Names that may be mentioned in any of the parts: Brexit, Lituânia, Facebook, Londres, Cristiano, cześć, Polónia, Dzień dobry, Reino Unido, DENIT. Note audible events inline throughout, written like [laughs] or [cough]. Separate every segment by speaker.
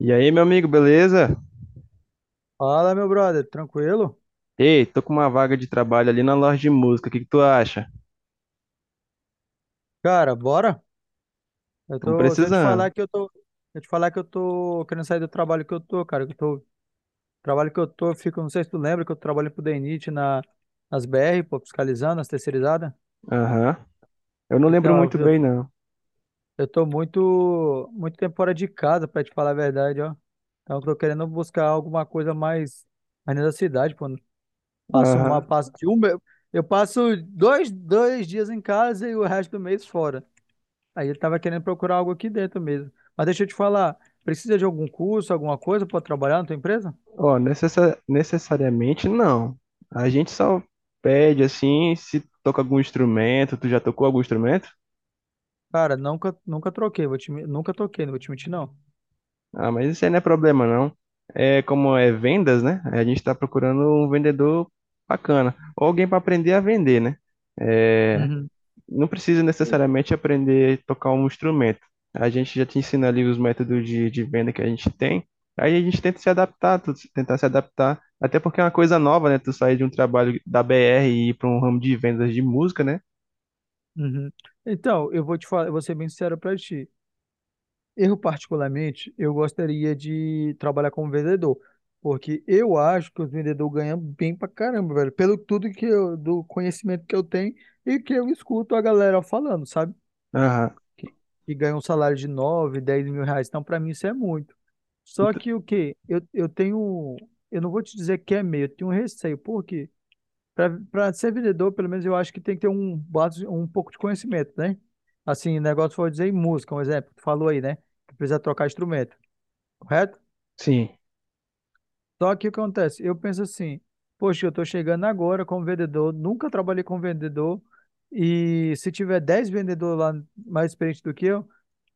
Speaker 1: E aí, meu amigo, beleza?
Speaker 2: Fala, meu brother, tranquilo?
Speaker 1: Ei, tô com uma vaga de trabalho ali na loja de música. O que que tu acha?
Speaker 2: Cara, bora? Eu
Speaker 1: Tamo
Speaker 2: tô, deixa eu te
Speaker 1: precisando.
Speaker 2: falar que eu tô, deixa eu te falar que eu tô querendo sair do trabalho que eu tô, cara, que eu tô, trabalho que eu tô, Eu fico, não sei se tu lembra que eu trabalho pro DENIT na nas BR, pô, fiscalizando as terceirizadas.
Speaker 1: Aham. Eu não lembro
Speaker 2: Então,
Speaker 1: muito
Speaker 2: eu, eu,
Speaker 1: bem, não.
Speaker 2: eu tô muito muito tempo fora de casa, pra te falar a verdade, ó. Então, eu tô querendo buscar alguma coisa mais na cidade, pô. Passo uma,
Speaker 1: Aham.
Speaker 2: passo de um, me- Eu passo dois dias em casa e o resto do mês fora. Aí ele tava querendo procurar algo aqui dentro mesmo. Mas deixa eu te falar, precisa de algum curso, alguma coisa para trabalhar na tua empresa?
Speaker 1: Ó, necessariamente não. A gente só pede assim se toca algum instrumento. Tu já tocou algum instrumento?
Speaker 2: Cara, nunca, nunca troquei, vou te, men- nunca troquei, não vou te mentir, não.
Speaker 1: Ah, mas isso aí não é problema, não. É como é vendas, né? A gente tá procurando um vendedor bacana. Ou alguém pra aprender a vender, né? É,
Speaker 2: Uhum.
Speaker 1: não precisa necessariamente aprender a tocar um instrumento. A gente já te ensina ali os métodos de venda que a gente tem. Aí a gente tenta se adaptar, tentar se adaptar. Até porque é uma coisa nova, né? Tu sair de um trabalho da BR e ir para um ramo de vendas de música, né?
Speaker 2: Uhum. Então, eu vou te falar, eu vou ser bem sincero para ti. Eu, particularmente, eu gostaria de trabalhar como vendedor, porque eu acho que os vendedores ganham bem pra caramba, velho, pelo tudo que eu, do conhecimento que eu tenho e que eu escuto a galera falando, sabe?
Speaker 1: Aham.
Speaker 2: Que, que ganham um salário de 9, 10 mil reais. Então, pra mim, isso é muito. Só
Speaker 1: Ent-
Speaker 2: que o quê? Eu tenho. Eu não vou te dizer que é medo, eu tenho um receio. Por quê? Para ser vendedor, pelo menos eu acho que tem que ter um pouco de conhecimento, né? Assim, negócio foi dizer em música, um exemplo, que tu falou aí, né? Que precisa trocar instrumento, correto?
Speaker 1: Sim.
Speaker 2: Só que o que acontece? Eu penso assim, poxa, eu estou chegando agora como vendedor, nunca trabalhei como vendedor, e se tiver 10 vendedores lá mais experientes do que eu,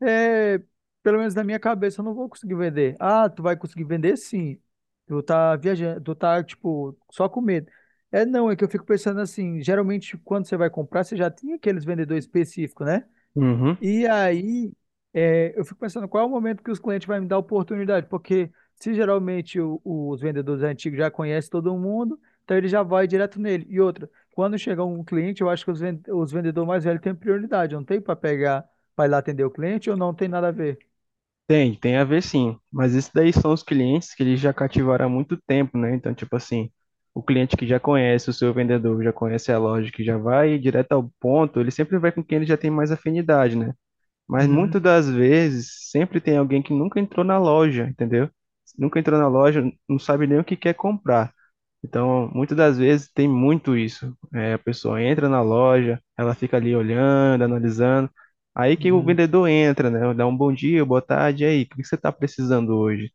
Speaker 2: é, pelo menos na minha cabeça eu não vou conseguir vender. Ah, tu vai conseguir vender sim. Tu tá viajando, tu tá, tipo, só com medo. É não, é que eu fico pensando assim, geralmente quando você vai comprar, você já tem aqueles vendedores específicos, né?
Speaker 1: Uhum.
Speaker 2: E aí, eu fico pensando qual é o momento que os clientes vão me dar oportunidade, porque se geralmente os vendedores antigos já conhecem todo mundo, então ele já vai direto nele. E outra, quando chegar um cliente, eu acho que os vendedores mais velhos têm prioridade, não tem para pegar, para ir lá atender o cliente ou não tem nada a ver.
Speaker 1: Tem, tem a ver sim. Mas isso daí são os clientes que eles já cativaram há muito tempo, né? Então, tipo assim, o cliente que já conhece o seu vendedor, já conhece a loja, que já vai direto ao ponto, ele sempre vai com quem ele já tem mais afinidade, né? Mas
Speaker 2: Uhum,
Speaker 1: muitas das vezes, sempre tem alguém que nunca entrou na loja, entendeu? Nunca entrou na loja, não sabe nem o que quer comprar. Então, muitas das vezes tem muito isso. É, a pessoa entra na loja, ela fica ali olhando, analisando. Aí que o
Speaker 2: uhum,
Speaker 1: vendedor entra, né? Dá um bom dia, boa tarde, e aí, o que você está precisando hoje?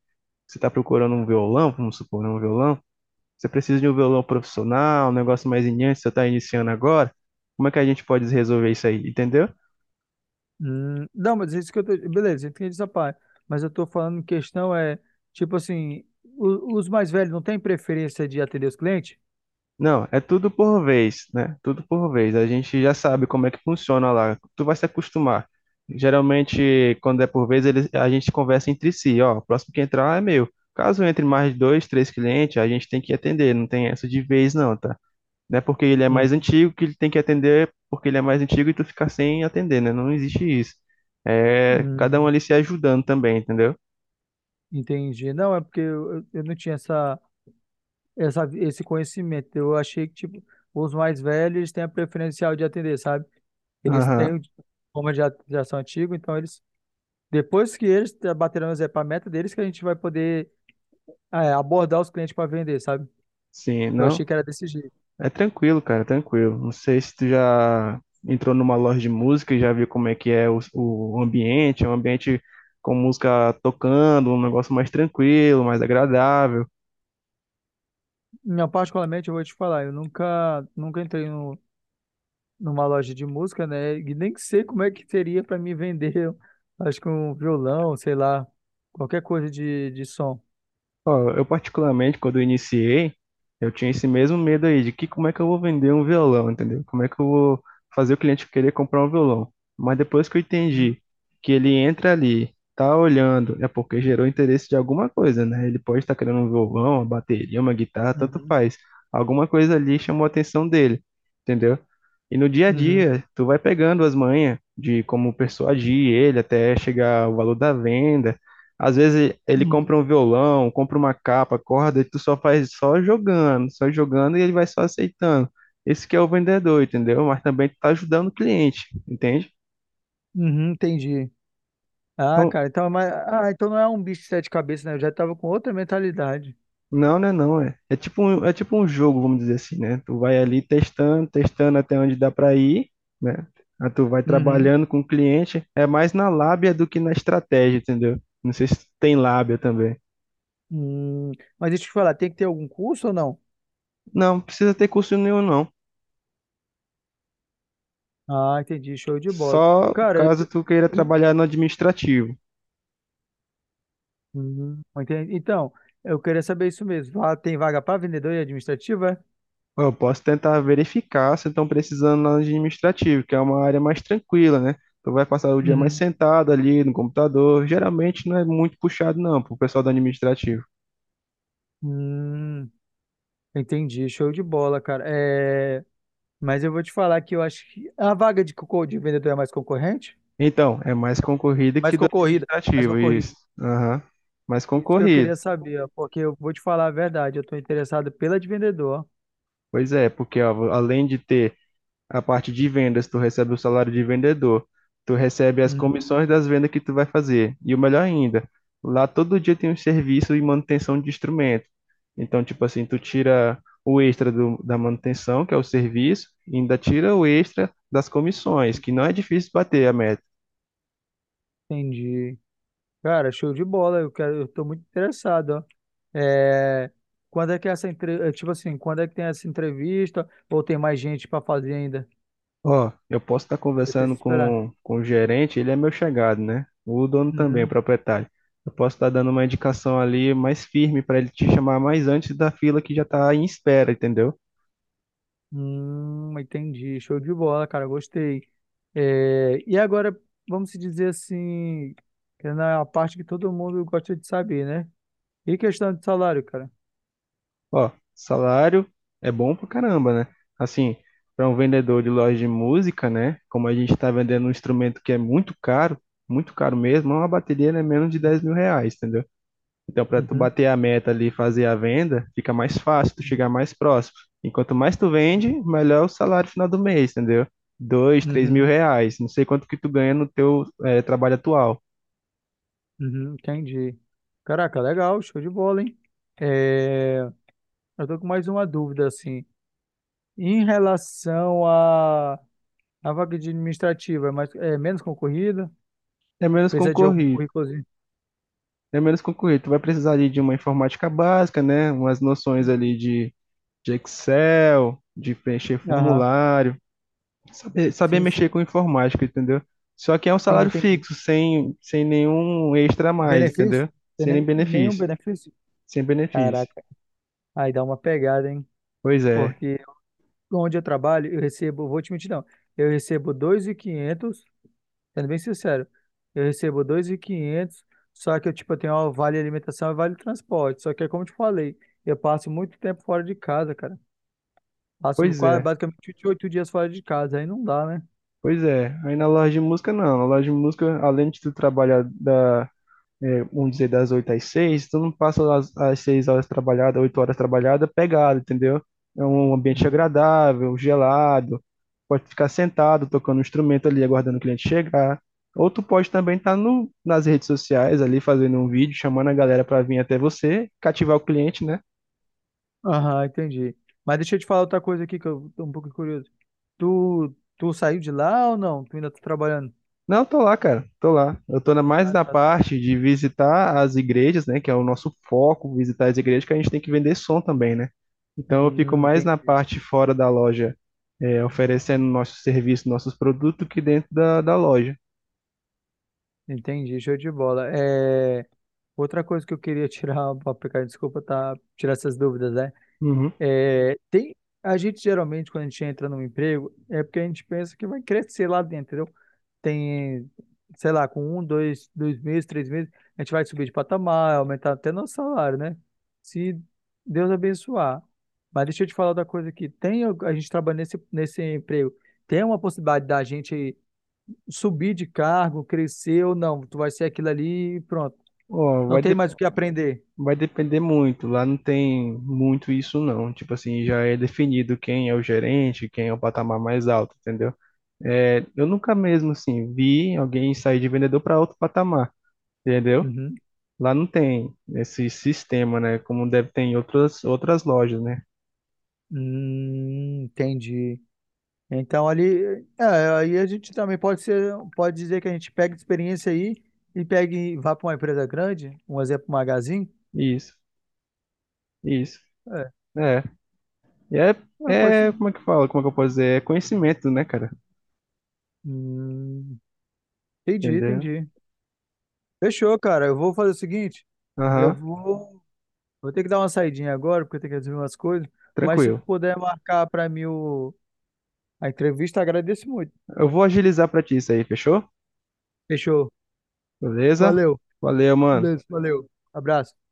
Speaker 1: Você está procurando um violão, vamos supor, né, um violão? Você precisa de um violão profissional, um negócio mais iniciante, você está iniciando agora? Como é que a gente pode resolver isso aí, entendeu?
Speaker 2: uhum. Não, mas isso que eu tô... Beleza, entendi essa parte. Mas eu tô falando em questão é, tipo assim, os mais velhos não têm preferência de atender os clientes?
Speaker 1: Não, é tudo por vez, né? Tudo por vez. A gente já sabe como é que funciona lá. Tu vai se acostumar. Geralmente, quando é por vez, a gente conversa entre si. Ó, o próximo que entrar é meu. Caso entre mais de dois, três clientes, a gente tem que atender. Não tem essa de vez, não, tá? Não é porque ele é mais
Speaker 2: Uhum.
Speaker 1: antigo que ele tem que atender, porque ele é mais antigo e tu ficar sem atender, né? Não existe isso. É cada um
Speaker 2: Uhum.
Speaker 1: ali se ajudando também, entendeu?
Speaker 2: Entendi. Não, é porque eu não tinha esse conhecimento. Eu achei que, tipo, os mais velhos eles têm a preferencial de atender, sabe? Eles têm
Speaker 1: Aham.
Speaker 2: o diploma antigo, então eles, depois que eles baterão etapas, a meta deles, que a gente vai poder abordar os clientes para vender, sabe?
Speaker 1: Sim,
Speaker 2: Eu
Speaker 1: não.
Speaker 2: achei que era desse jeito.
Speaker 1: É tranquilo, cara, é tranquilo. Não sei se tu já entrou numa loja de música e já viu como é que é o ambiente, é um ambiente com música tocando, um negócio mais tranquilo, mais agradável.
Speaker 2: Não, particularmente, eu vou te falar, eu nunca, nunca entrei no, numa loja de música, né? E nem sei como é que seria para me vender, [laughs] acho que um violão, sei lá, qualquer coisa de som.
Speaker 1: Ó, eu particularmente, quando eu iniciei, eu tinha esse mesmo medo aí de que como é que eu vou vender um violão, entendeu? Como é que eu vou fazer o cliente querer comprar um violão? Mas depois que eu entendi que ele entra ali, tá olhando, é porque gerou interesse de alguma coisa, né? Ele pode estar querendo um violão, uma bateria, uma guitarra, tanto
Speaker 2: Uhum,
Speaker 1: faz. Alguma coisa ali chamou a atenção dele, entendeu? E no dia a
Speaker 2: uhum,
Speaker 1: dia, tu vai pegando as manhas de como persuadir ele até chegar ao valor da venda, às vezes ele
Speaker 2: uhum,
Speaker 1: compra um violão, compra uma capa, corda, e tu só faz só jogando e ele vai só aceitando. Esse que é o vendedor, entendeu? Mas também tu tá ajudando o cliente, entende?
Speaker 2: uhum, entendi. Ah,
Speaker 1: Então,
Speaker 2: cara, então, mas, ah, então não é um bicho de sete cabeças, né? Eu já tava com outra mentalidade.
Speaker 1: não, né, não, é. É tipo um jogo, vamos dizer assim, né? Tu vai ali testando, testando até onde dá para ir, né? Aí tu vai
Speaker 2: Uhum.
Speaker 1: trabalhando com o cliente, é mais na lábia do que na estratégia, entendeu? Não sei se tu tem lábia também.
Speaker 2: Hum, mas deixa eu te falar, tem que ter algum curso ou não?
Speaker 1: Não, precisa ter curso nenhum, não.
Speaker 2: Ah, entendi, show de bola.
Speaker 1: Só
Speaker 2: Cara,
Speaker 1: caso tu queira
Speaker 2: eu-
Speaker 1: trabalhar no administrativo.
Speaker 2: uhum, entendi. Então, eu queria saber isso mesmo. Lá tem vaga para vendedor e administrativa? É?
Speaker 1: Eu posso tentar verificar se estão precisando na administrativa, que é uma área mais tranquila, né? Tu vai passar o dia mais
Speaker 2: Uhum.
Speaker 1: sentado ali no computador. Geralmente não é muito puxado, não, pro pessoal do administrativo.
Speaker 2: Hum, entendi, show de bola, cara. É, mas eu vou te falar que eu acho que a vaga de vendedor é mais concorrente?
Speaker 1: Então, é mais concorrido
Speaker 2: Mais
Speaker 1: que do
Speaker 2: concorrida, mais
Speaker 1: administrativo, isso.
Speaker 2: concorrida.
Speaker 1: Aham. Mais
Speaker 2: Isso que eu
Speaker 1: concorrido.
Speaker 2: queria saber, ó, porque eu vou te falar a verdade, eu tô interessado pela de vendedor.
Speaker 1: Pois é, porque ó, além de ter a parte de vendas, tu recebe o salário de vendedor, tu recebe as
Speaker 2: Hum,
Speaker 1: comissões das vendas que tu vai fazer. E o melhor ainda, lá todo dia tem um serviço e manutenção de instrumento. Então, tipo assim, tu tira o extra da manutenção, que é o serviço, e ainda tira o extra das comissões, que não é difícil bater a meta.
Speaker 2: entendi. Cara, show de bola, eu quero, eu tô muito interessado, ó. É, quando é que é essa entre... é, tipo assim, quando é que tem essa entrevista ou tem mais gente pra fazer ainda?
Speaker 1: Ó, eu posso estar
Speaker 2: Eu
Speaker 1: conversando
Speaker 2: preciso esperar.
Speaker 1: com o gerente, ele é meu chegado, né? O dono também, o
Speaker 2: Uhum.
Speaker 1: proprietário. Eu posso estar dando uma indicação ali mais firme para ele te chamar mais antes da fila que já tá em espera, entendeu?
Speaker 2: Entendi. Show de bola, cara, gostei. É, e agora, vamos se dizer assim, que é na parte que todo mundo gosta de saber, né? E questão de salário, cara?
Speaker 1: Ó, salário é bom pra caramba, né? Assim, para um vendedor de loja de música, né? Como a gente está vendendo um instrumento que é muito caro mesmo, uma bateria é menos de 10 mil reais, entendeu? Então, para tu
Speaker 2: Uhum.
Speaker 1: bater a meta ali e fazer a venda, fica mais fácil, tu
Speaker 2: Uhum.
Speaker 1: chegar mais próximo. Enquanto mais tu vende, melhor o salário final do mês, entendeu? Dois, três mil
Speaker 2: Uhum,
Speaker 1: reais. Não sei quanto que tu ganha no teu trabalho atual.
Speaker 2: uhum, entendi. Caraca, legal, show de bola, hein? É, eu tô com mais uma dúvida, assim. Em relação à vaga de administrativa, é, mais, é menos concorrida?
Speaker 1: É menos
Speaker 2: Precisa de algum
Speaker 1: concorrido.
Speaker 2: currículozinho?
Speaker 1: É menos concorrido. Tu vai precisar ali de uma informática básica, né? Umas noções
Speaker 2: Hum.
Speaker 1: ali de Excel, de preencher
Speaker 2: Aham,
Speaker 1: formulário, saber, saber
Speaker 2: sim,
Speaker 1: mexer
Speaker 2: sim,
Speaker 1: com informática, entendeu? Só que é um
Speaker 2: sim,
Speaker 1: salário
Speaker 2: entendi.
Speaker 1: fixo, sem nenhum extra a mais,
Speaker 2: Benefício?
Speaker 1: entendeu?
Speaker 2: Tem
Speaker 1: Sem nem
Speaker 2: nem, nenhum
Speaker 1: benefício.
Speaker 2: benefício?
Speaker 1: Sem benefício.
Speaker 2: Caraca, aí dá uma pegada, hein?
Speaker 1: Pois é,
Speaker 2: Porque onde eu trabalho, eu recebo, vou te mentir, não, eu recebo 2.500. Sendo bem sincero, eu recebo dois mil e quinhentos, só que eu, tipo, eu tenho ó, vale alimentação e vale transporte. Só que é como eu te falei, eu passo muito tempo fora de casa, cara. Passo
Speaker 1: pois
Speaker 2: quase,
Speaker 1: é,
Speaker 2: basicamente 28 dias fora de casa, aí não dá, né?
Speaker 1: Pois é. Aí na loja de música, não. Na loja de música, além de tu trabalhar é, vamos dizer, das 8 às 6 tu não passa as 6 horas trabalhadas, 8 horas trabalhadas, pegado, entendeu? É um ambiente
Speaker 2: Uhum.
Speaker 1: agradável, gelado. Pode ficar sentado, tocando um instrumento ali, aguardando o cliente chegar. Ou tu pode também estar no, nas redes sociais ali, fazendo um vídeo, chamando a galera para vir até você, cativar o cliente, né?
Speaker 2: Aham, entendi. Mas deixa eu te falar outra coisa aqui que eu tô um pouco curioso. Tu saiu de lá ou não? Tu ainda tá trabalhando?
Speaker 1: Não, tô lá, cara, tô lá. Eu tô mais
Speaker 2: Ah,
Speaker 1: na
Speaker 2: tá.
Speaker 1: parte de visitar as igrejas, né, que é o nosso foco, visitar as igrejas, que a gente tem que vender som também, né? Então eu fico
Speaker 2: Hum,
Speaker 1: mais na
Speaker 2: entendi,
Speaker 1: parte fora da loja, é, oferecendo nosso serviço, nossos produtos, que dentro da loja.
Speaker 2: entendi, show de bola. É, outra coisa que eu queria [laughs] tirar, pra pegar, desculpa, tá, tirar essas dúvidas, né?
Speaker 1: Uhum.
Speaker 2: É, tem, a gente geralmente, quando a gente entra num emprego, é porque a gente pensa que vai crescer lá dentro, entendeu? Tem, sei lá, com um, dois meses, três meses, a gente vai subir de patamar, aumentar até nosso salário, né? Se Deus abençoar. Mas deixa eu te falar outra coisa aqui. A gente trabalha nesse emprego, tem uma possibilidade da gente subir de cargo, crescer ou não. Tu vai ser aquilo ali e pronto.
Speaker 1: Ó,
Speaker 2: Não tem mais o que aprender.
Speaker 1: vai depender muito. Lá não tem muito isso, não. Tipo assim, já é definido quem é o gerente, quem é o patamar mais alto, entendeu? É, eu nunca mesmo, assim, vi alguém sair de vendedor para outro patamar. Entendeu?
Speaker 2: Uhum.
Speaker 1: Lá não tem esse sistema, né? Como deve ter em outras lojas, né?
Speaker 2: Entendi. Então ali, aí a gente também pode ser, pode dizer que a gente pega experiência aí e pega e vá para uma empresa grande, um exemplo, Magazine.
Speaker 1: Isso, isso.
Speaker 2: É,
Speaker 1: É. E
Speaker 2: é, pode ser.
Speaker 1: é, como é que fala? Como é que eu posso dizer? É conhecimento, né, cara?
Speaker 2: Hum, entendi,
Speaker 1: Entendeu?
Speaker 2: entendi. Fechou, cara. Eu vou fazer o seguinte, eu
Speaker 1: Aham,
Speaker 2: vou, vou ter que dar uma saidinha agora porque eu tenho que resolver umas coisas, mas se tu
Speaker 1: tranquilo.
Speaker 2: puder marcar para mim a entrevista, agradeço muito.
Speaker 1: Eu vou agilizar pra ti isso aí, fechou?
Speaker 2: Fechou.
Speaker 1: Beleza?
Speaker 2: Valeu.
Speaker 1: Valeu, mano.
Speaker 2: Beleza, valeu. Abraço.